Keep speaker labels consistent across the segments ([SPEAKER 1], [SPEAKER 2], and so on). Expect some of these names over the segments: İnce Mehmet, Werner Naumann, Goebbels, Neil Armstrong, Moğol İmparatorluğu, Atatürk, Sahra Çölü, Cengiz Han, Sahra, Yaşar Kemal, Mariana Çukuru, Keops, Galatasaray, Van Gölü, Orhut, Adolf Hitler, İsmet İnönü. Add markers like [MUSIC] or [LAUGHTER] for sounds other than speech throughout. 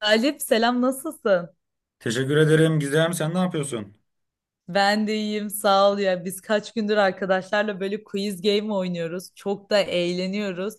[SPEAKER 1] Galip selam nasılsın?
[SPEAKER 2] Teşekkür ederim Gizem. Sen ne yapıyorsun?
[SPEAKER 1] Ben de iyiyim sağ ol ya. Biz kaç gündür arkadaşlarla böyle quiz game oynuyoruz. Çok da eğleniyoruz.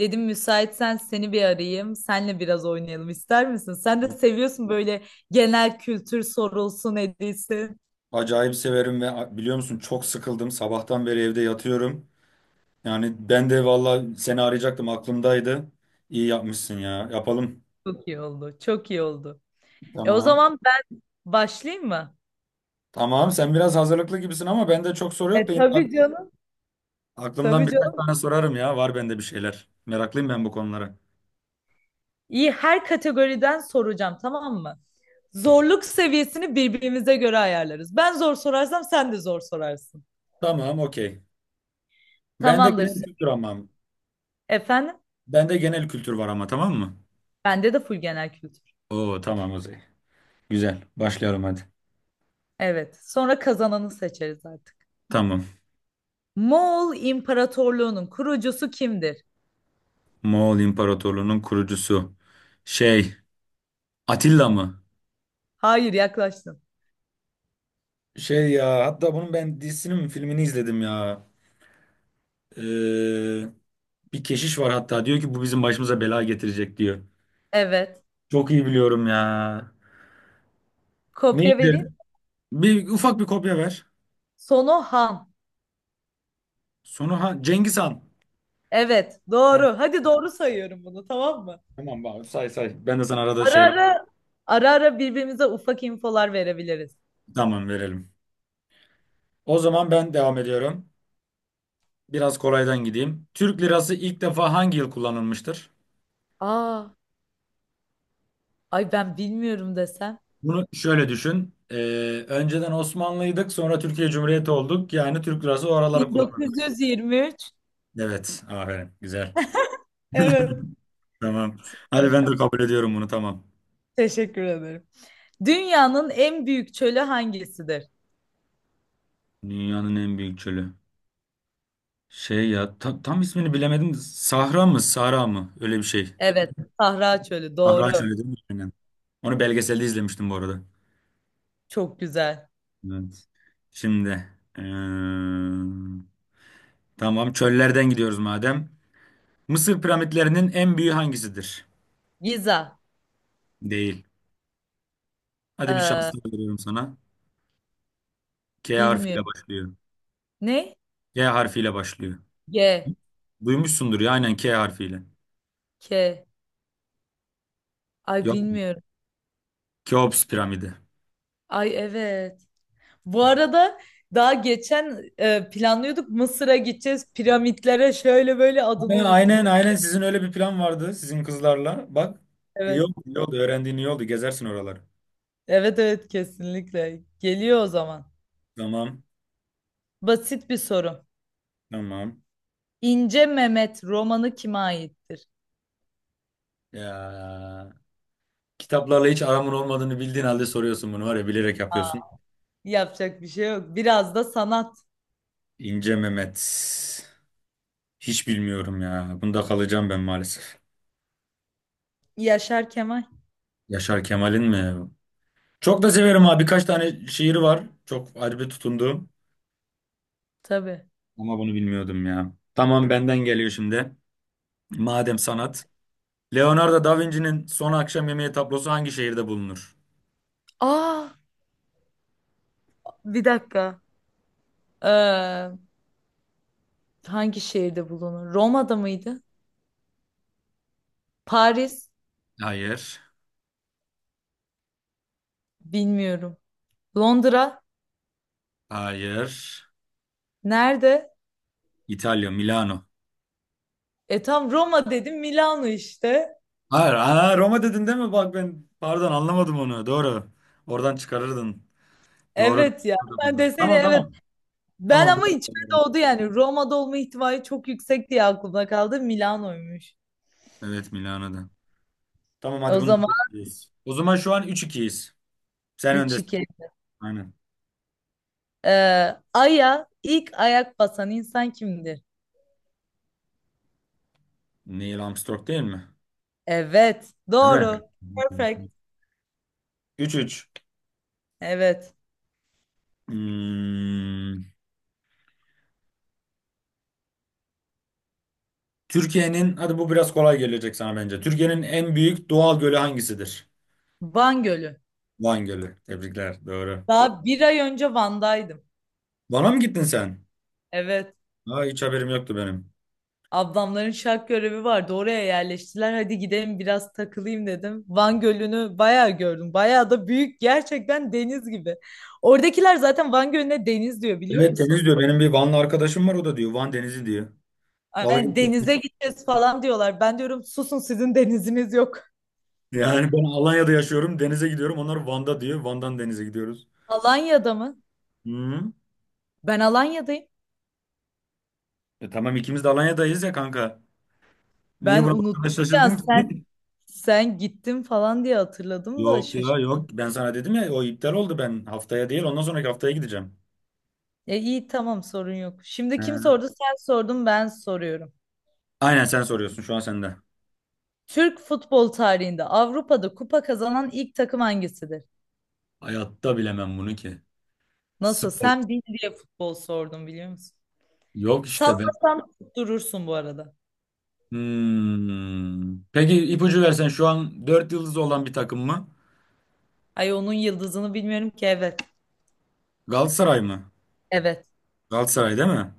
[SPEAKER 1] Dedim müsaitsen seni bir arayayım. Senle biraz oynayalım ister misin? Sen de seviyorsun böyle genel kültür sorulsun edilsin.
[SPEAKER 2] Acayip severim ve biliyor musun çok sıkıldım. Sabahtan beri evde yatıyorum. Yani ben de valla seni arayacaktım, aklımdaydı. İyi yapmışsın ya. Yapalım.
[SPEAKER 1] Çok iyi oldu. Çok iyi oldu. E, o
[SPEAKER 2] Tamam.
[SPEAKER 1] zaman ben başlayayım mı?
[SPEAKER 2] Tamam, sen biraz hazırlıklı gibisin ama bende çok soru yok
[SPEAKER 1] E
[SPEAKER 2] da yine
[SPEAKER 1] tabii canım.
[SPEAKER 2] aklımdan
[SPEAKER 1] Tabii
[SPEAKER 2] birkaç
[SPEAKER 1] canım.
[SPEAKER 2] tane sorarım ya. Var bende bir şeyler. Meraklıyım ben bu konulara.
[SPEAKER 1] İyi, her kategoriden soracağım, tamam mı? Zorluk seviyesini birbirimize göre ayarlarız. Ben zor sorarsam sen de zor sorarsın.
[SPEAKER 2] Tamam, okey. Bende
[SPEAKER 1] Tamamdır.
[SPEAKER 2] genel kültür ama.
[SPEAKER 1] Efendim?
[SPEAKER 2] Bende genel kültür var ama, tamam mı?
[SPEAKER 1] Bende de full genel kültür.
[SPEAKER 2] Oo, tamam o zaman. Güzel. Başlıyorum hadi.
[SPEAKER 1] Evet. Sonra kazananı seçeriz artık.
[SPEAKER 2] Tamam.
[SPEAKER 1] Moğol İmparatorluğu'nun kurucusu kimdir?
[SPEAKER 2] Moğol İmparatorluğu'nun kurucusu. Şey, Atilla mı?
[SPEAKER 1] Hayır, yaklaştın.
[SPEAKER 2] Şey ya, hatta bunun ben dizisini mi filmini izledim ya. Ee, bir keşiş var hatta, diyor ki bu bizim başımıza bela getirecek diyor.
[SPEAKER 1] Evet.
[SPEAKER 2] Çok iyi biliyorum ya.
[SPEAKER 1] Kopya vereyim.
[SPEAKER 2] Neydi? Ufak bir kopya ver.
[SPEAKER 1] Sono Han.
[SPEAKER 2] Sonu ha, Cengiz Han.
[SPEAKER 1] Evet,
[SPEAKER 2] Heh,
[SPEAKER 1] doğru. Hadi doğru sayıyorum bunu, tamam mı?
[SPEAKER 2] tamam abi, say say. Ben de sana arada
[SPEAKER 1] Ara
[SPEAKER 2] şey,
[SPEAKER 1] ara ara ara birbirimize ufak infolar verebiliriz.
[SPEAKER 2] tamam, verelim. O zaman ben devam ediyorum. Biraz kolaydan gideyim. Türk lirası ilk defa hangi yıl kullanılmıştır?
[SPEAKER 1] Aa, ay ben bilmiyorum desem.
[SPEAKER 2] Bunu şöyle düşün. Önceden Osmanlıydık, sonra Türkiye Cumhuriyeti olduk. Yani Türk lirası o araları kullanılıyor.
[SPEAKER 1] 1923.
[SPEAKER 2] Evet, aferin. Güzel. [LAUGHS]
[SPEAKER 1] Evet.
[SPEAKER 2] Tamam. Hadi
[SPEAKER 1] Evet.
[SPEAKER 2] ben de kabul ediyorum bunu, tamam.
[SPEAKER 1] Teşekkür ederim. Dünyanın en büyük çölü hangisidir?
[SPEAKER 2] Dünyanın en büyük çölü. Şey ya, tam ismini bilemedim. Sahra mı, Sahra mı? Öyle bir şey.
[SPEAKER 1] Evet, Sahra Çölü.
[SPEAKER 2] Sahra
[SPEAKER 1] Doğru.
[SPEAKER 2] çölü değil mi? Aynen. Onu belgeselde izlemiştim bu arada.
[SPEAKER 1] Çok güzel.
[SPEAKER 2] Evet. Şimdi, eee, tamam, çöllerden gidiyoruz madem. Mısır piramitlerinin en büyüğü hangisidir?
[SPEAKER 1] Giza.
[SPEAKER 2] Değil. Hadi bir
[SPEAKER 1] Ee,
[SPEAKER 2] şans daha veriyorum sana. K harfiyle
[SPEAKER 1] bilmiyorum.
[SPEAKER 2] başlıyor.
[SPEAKER 1] Ne?
[SPEAKER 2] K harfiyle başlıyor.
[SPEAKER 1] G.
[SPEAKER 2] Duymuşsundur ya, aynen, K harfiyle.
[SPEAKER 1] K. Ay
[SPEAKER 2] Yok mu?
[SPEAKER 1] bilmiyorum.
[SPEAKER 2] Keops piramidi.
[SPEAKER 1] Ay evet. Bu arada daha geçen planlıyorduk Mısır'a gideceğiz. Piramitlere şöyle böyle adını
[SPEAKER 2] Aynen,
[SPEAKER 1] unuttum.
[SPEAKER 2] aynen, aynen. Sizin öyle bir plan vardı sizin kızlarla. Bak, iyi
[SPEAKER 1] Evet.
[SPEAKER 2] oldu, iyi oldu. Öğrendiğin iyi oldu. Gezersin oraları.
[SPEAKER 1] Evet evet, kesinlikle. Geliyor o zaman.
[SPEAKER 2] Tamam,
[SPEAKER 1] Basit bir soru.
[SPEAKER 2] tamam.
[SPEAKER 1] İnce Mehmet romanı kime aittir?
[SPEAKER 2] Ya, kitaplarla hiç aramın olmadığını bildiğin halde soruyorsun bunu, var ya, bilerek
[SPEAKER 1] Aa,
[SPEAKER 2] yapıyorsun.
[SPEAKER 1] yapacak bir şey yok. Biraz da sanat.
[SPEAKER 2] İnce Mehmet. Hiç bilmiyorum ya. Bunda kalacağım ben maalesef.
[SPEAKER 1] Yaşar Kemal.
[SPEAKER 2] Yaşar Kemal'in mi? Çok da severim abi. Birkaç tane şiiri var. Çok ayrı tutunduğum.
[SPEAKER 1] Tabii.
[SPEAKER 2] Ama bunu bilmiyordum ya. Tamam, benden geliyor şimdi. Madem sanat. Leonardo da Vinci'nin Son Akşam Yemeği tablosu hangi şehirde bulunur?
[SPEAKER 1] Aa, bir dakika. Ee, hangi şehirde bulunur? Roma'da mıydı? Paris?
[SPEAKER 2] Hayır.
[SPEAKER 1] Bilmiyorum. Londra?
[SPEAKER 2] Hayır.
[SPEAKER 1] Nerede?
[SPEAKER 2] İtalya, Milano.
[SPEAKER 1] E, tam Roma dedim, Milano işte.
[SPEAKER 2] Hayır. Aa, Roma dedin değil mi? Bak ben pardon anlamadım onu. Doğru. Oradan çıkarırdın. Doğru.
[SPEAKER 1] Evet ya. Sen desene
[SPEAKER 2] Tamam,
[SPEAKER 1] evet.
[SPEAKER 2] tamam.
[SPEAKER 1] Ben
[SPEAKER 2] Tamam,
[SPEAKER 1] ama
[SPEAKER 2] doğru.
[SPEAKER 1] içime oldu yani. Roma'da olma ihtimali çok yüksek diye aklımda kaldı. Milano'ymuş.
[SPEAKER 2] Evet, Milano'da. Tamam,
[SPEAKER 1] E,
[SPEAKER 2] hadi
[SPEAKER 1] o
[SPEAKER 2] bunu
[SPEAKER 1] zaman
[SPEAKER 2] doğru söylüyoruz. O zaman şu an 3-2'yiz. Sen
[SPEAKER 1] üç
[SPEAKER 2] öndesin.
[SPEAKER 1] iki.
[SPEAKER 2] Aynen.
[SPEAKER 1] Ee, Ay'a ilk ayak basan insan kimdir?
[SPEAKER 2] Neil Armstrong değil mi?
[SPEAKER 1] Evet,
[SPEAKER 2] Değil mi?
[SPEAKER 1] doğru. Perfect.
[SPEAKER 2] 3-3.
[SPEAKER 1] Evet.
[SPEAKER 2] Hmm, Türkiye'nin, hadi bu biraz kolay gelecek sana bence. Türkiye'nin en büyük doğal gölü hangisidir?
[SPEAKER 1] Van Gölü.
[SPEAKER 2] Van Gölü. Tebrikler. Doğru.
[SPEAKER 1] Daha bir ay önce Van'daydım.
[SPEAKER 2] Van'a mı gittin sen?
[SPEAKER 1] Evet.
[SPEAKER 2] Aa, hiç haberim yoktu benim.
[SPEAKER 1] Ablamların şark görevi vardı. Oraya yerleştiler. Hadi gidelim biraz takılayım dedim. Van Gölü'nü bayağı gördüm. Bayağı da büyük. Gerçekten deniz gibi. Oradakiler zaten Van Gölü'ne deniz diyor, biliyor
[SPEAKER 2] Evet, Deniz
[SPEAKER 1] musun?
[SPEAKER 2] diyor. Benim bir Vanlı arkadaşım var, o da diyor. Van Denizi diyor. Dalga
[SPEAKER 1] Yani
[SPEAKER 2] geçiyor.
[SPEAKER 1] denize gideceğiz falan diyorlar. Ben diyorum susun, sizin deniziniz yok.
[SPEAKER 2] Yani ben Alanya'da yaşıyorum. Denize gidiyorum. Onlar Van'da diyor, Van'dan denize gidiyoruz.
[SPEAKER 1] Alanya'da mı?
[SPEAKER 2] Hı.
[SPEAKER 1] Ben Alanya'dayım.
[SPEAKER 2] E tamam, ikimiz de Alanya'dayız ya kanka. Niye
[SPEAKER 1] Ben
[SPEAKER 2] buna bu kadar
[SPEAKER 1] unuttum ya,
[SPEAKER 2] şaşırdın ki?
[SPEAKER 1] sen
[SPEAKER 2] [LAUGHS]
[SPEAKER 1] sen gittin falan diye hatırladım da
[SPEAKER 2] Yok ya,
[SPEAKER 1] şaşırdım.
[SPEAKER 2] yok. Ben sana dedim ya, o iptal oldu, ben haftaya değil ondan sonraki haftaya gideceğim.
[SPEAKER 1] E iyi, tamam, sorun yok. Şimdi
[SPEAKER 2] He.
[SPEAKER 1] kim sordu? Sen sordun, ben soruyorum.
[SPEAKER 2] Aynen, sen soruyorsun şu an, sende.
[SPEAKER 1] Türk futbol tarihinde Avrupa'da kupa kazanan ilk takım hangisidir?
[SPEAKER 2] Hayatta bilemem bunu ki.
[SPEAKER 1] Nasıl?
[SPEAKER 2] Spor.
[SPEAKER 1] Sen bil diye futbol sordum, biliyor musun?
[SPEAKER 2] Yok işte ben.
[SPEAKER 1] Sallasan durursun bu arada.
[SPEAKER 2] Hmm. Peki, ipucu versen, şu an 4 yıldız olan bir takım mı?
[SPEAKER 1] Ay, onun yıldızını bilmiyorum ki, evet.
[SPEAKER 2] Galatasaray mı?
[SPEAKER 1] Evet.
[SPEAKER 2] Galatasaray değil mi?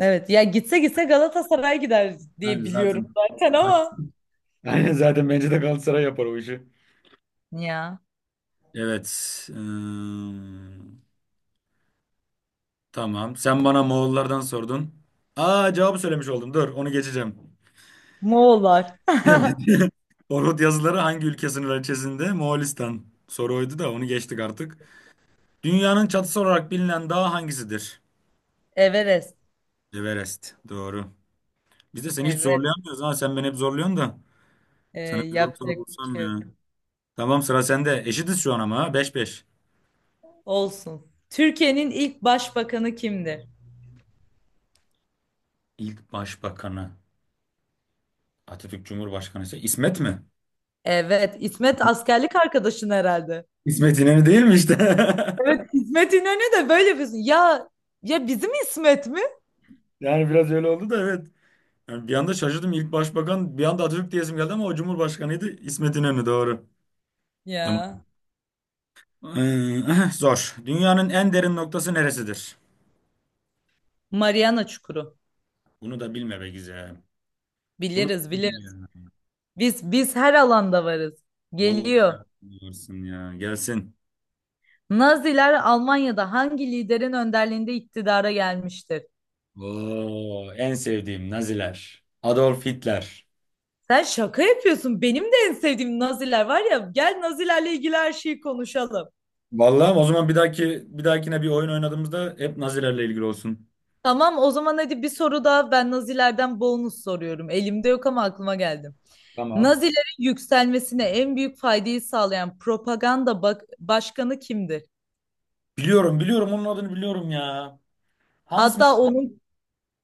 [SPEAKER 1] Evet. Ya, gitse gitse Galatasaray gider diye
[SPEAKER 2] Yani
[SPEAKER 1] biliyorum
[SPEAKER 2] zaten.
[SPEAKER 1] zaten ama.
[SPEAKER 2] [LAUGHS] Aynen, zaten bence de Galatasaray yapar o işi.
[SPEAKER 1] Ya.
[SPEAKER 2] Evet. ım, tamam. Sen bana Moğollardan sordun. Aa, cevabı söylemiş oldum. Dur, onu geçeceğim.
[SPEAKER 1] Moğollar. [LAUGHS]
[SPEAKER 2] [LAUGHS] Orhut yazıları hangi ülke sınırları içerisinde? Moğolistan. Soru oydu da, onu geçtik artık. Dünyanın çatısı olarak bilinen dağ hangisidir?
[SPEAKER 1] Everest.
[SPEAKER 2] Everest. Doğru. Biz de seni hiç
[SPEAKER 1] Evet.
[SPEAKER 2] zorlayamıyoruz ha. Sen beni hep zorluyorsun da.
[SPEAKER 1] Ee,
[SPEAKER 2] Sana bir zor soru
[SPEAKER 1] yapacak bir
[SPEAKER 2] bulsam
[SPEAKER 1] şey yok.
[SPEAKER 2] ya. Tamam, sıra sende. Eşitiz şu an ama ha. 5.
[SPEAKER 1] Olsun. Türkiye'nin ilk başbakanı kimdir?
[SPEAKER 2] İlk başbakanı Atatürk, Cumhurbaşkanı ise İsmet mi?
[SPEAKER 1] Evet, İsmet askerlik arkadaşın herhalde.
[SPEAKER 2] İsmet İnönü değil mi işte?
[SPEAKER 1] Evet,
[SPEAKER 2] [LAUGHS]
[SPEAKER 1] İsmet İnönü de böyle yapıyorsun. Ya, ya bizim İsmet mi?
[SPEAKER 2] Yani biraz öyle oldu da, evet. Yani bir anda şaşırdım. İlk başbakan bir anda Atatürk diyesim geldi ama o Cumhurbaşkanıydı. İsmet İnönü, doğru. Tamam.
[SPEAKER 1] Ya.
[SPEAKER 2] Ee, [LAUGHS] zor. Dünyanın en derin noktası neresidir?
[SPEAKER 1] Mariana Çukuru.
[SPEAKER 2] Bunu da bilme be güzel. Bunu da
[SPEAKER 1] Biliriz,
[SPEAKER 2] bilme
[SPEAKER 1] biliriz.
[SPEAKER 2] ya.
[SPEAKER 1] Biz her alanda varız.
[SPEAKER 2] Vallahi
[SPEAKER 1] Geliyor.
[SPEAKER 2] yapıyorsun ya. Gelsin.
[SPEAKER 1] Naziler Almanya'da hangi liderin önderliğinde iktidara gelmiştir?
[SPEAKER 2] Oo, en sevdiğim Naziler. Adolf Hitler.
[SPEAKER 1] Sen şaka yapıyorsun. Benim de en sevdiğim Naziler var ya. Gel Nazilerle ilgili her şeyi konuşalım.
[SPEAKER 2] Vallahi o zaman bir dahaki, bir dahakine, bir oyun oynadığımızda hep Nazilerle ilgili olsun.
[SPEAKER 1] Tamam, o zaman hadi bir soru daha, ben Nazilerden bonus soruyorum. Elimde yok ama aklıma geldi.
[SPEAKER 2] Tamam.
[SPEAKER 1] Nazilerin yükselmesine en büyük faydayı sağlayan propaganda başkanı kimdir?
[SPEAKER 2] Biliyorum, biliyorum, onun adını biliyorum ya. Hans mı?
[SPEAKER 1] Hatta onun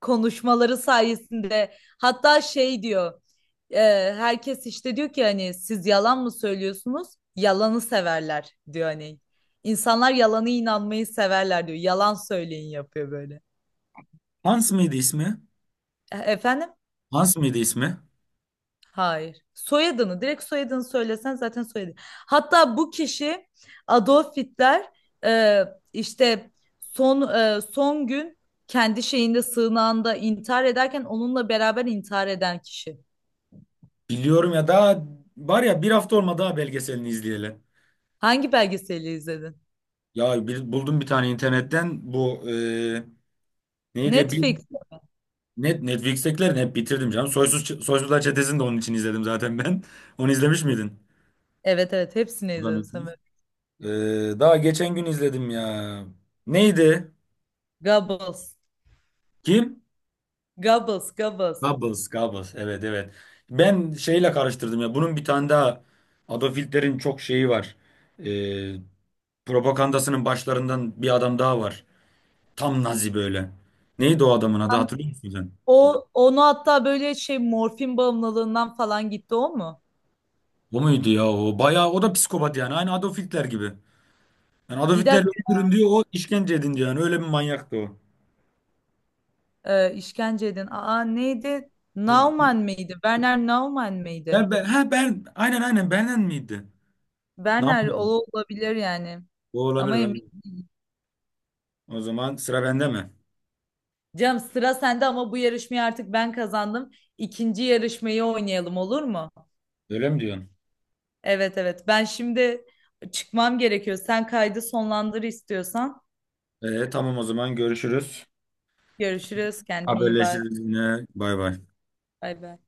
[SPEAKER 1] konuşmaları sayesinde, hatta şey diyor, e, herkes işte diyor ki, hani siz yalan mı söylüyorsunuz? Yalanı severler diyor hani. İnsanlar yalanı inanmayı severler diyor. Yalan söyleyin yapıyor böyle.
[SPEAKER 2] Hans mıydı ismi?
[SPEAKER 1] Efendim?
[SPEAKER 2] Hans mıydı ismi?
[SPEAKER 1] Hayır. Soyadını, direkt soyadını söylesen, zaten soyadı. Hatta bu kişi Adolf Hitler, e, işte son gün kendi şeyinde, sığınağında intihar ederken onunla beraber intihar eden kişi.
[SPEAKER 2] Biliyorum ya, daha var ya, bir hafta olmadı daha, belgeselini izleyelim.
[SPEAKER 1] Hangi belgeseli izledin?
[SPEAKER 2] Buldum bir tane internetten, bu neydi ya, bir
[SPEAKER 1] Netflix.
[SPEAKER 2] net Netflix'tekilerini hep bitirdim canım. Soysuzlar Çetesi'ni de onun için izledim zaten ben. [LAUGHS] Onu izlemiş miydin?
[SPEAKER 1] Evet evet, hepsini
[SPEAKER 2] Bu da
[SPEAKER 1] izledim
[SPEAKER 2] Netflix.
[SPEAKER 1] Samet.
[SPEAKER 2] E, daha geçen gün izledim ya. Neydi?
[SPEAKER 1] Goebbels.
[SPEAKER 2] Kim?
[SPEAKER 1] Goebbels, Goebbels.
[SPEAKER 2] Goebbels, Goebbels. Evet, evet. Ben şeyle karıştırdım ya. Bunun bir tane daha Adolf Hitler'in çok şeyi var. E, propagandasının başlarından bir adam daha var. Tam Nazi böyle. Neydi o adamın adı, hatırlıyor musun sen?
[SPEAKER 1] O onu hatta böyle şey, morfin bağımlılığından falan gitti o mu?
[SPEAKER 2] O muydu ya o? Bayağı o da psikopat yani. Aynı Adolf Hitler gibi. Yani Adolf
[SPEAKER 1] Bir
[SPEAKER 2] Hitler
[SPEAKER 1] dakika.
[SPEAKER 2] öldürün diyor, o işkence edin diyor. Yani öyle bir manyaktı o.
[SPEAKER 1] İşkence edin. Aa, neydi?
[SPEAKER 2] Bu-
[SPEAKER 1] Naumann mıydı? Werner Naumann mıydı?
[SPEAKER 2] ben, aynen, aynen, benden miydi? Ne
[SPEAKER 1] Werner, o
[SPEAKER 2] yapayım?
[SPEAKER 1] olabilir yani.
[SPEAKER 2] O
[SPEAKER 1] Ama
[SPEAKER 2] olabilir,
[SPEAKER 1] emin.
[SPEAKER 2] aynen. O zaman sıra bende mi?
[SPEAKER 1] Canım, sıra sende ama bu yarışmayı artık ben kazandım. İkinci yarışmayı oynayalım, olur mu?
[SPEAKER 2] Öyle mi diyorsun?
[SPEAKER 1] Evet evet. Ben şimdi çıkmam gerekiyor. Sen kaydı sonlandır istiyorsan.
[SPEAKER 2] Tamam o zaman, görüşürüz.
[SPEAKER 1] Görüşürüz. Kendine iyi bak.
[SPEAKER 2] Haberleşiriz yine. Bay bay.
[SPEAKER 1] Bay bay.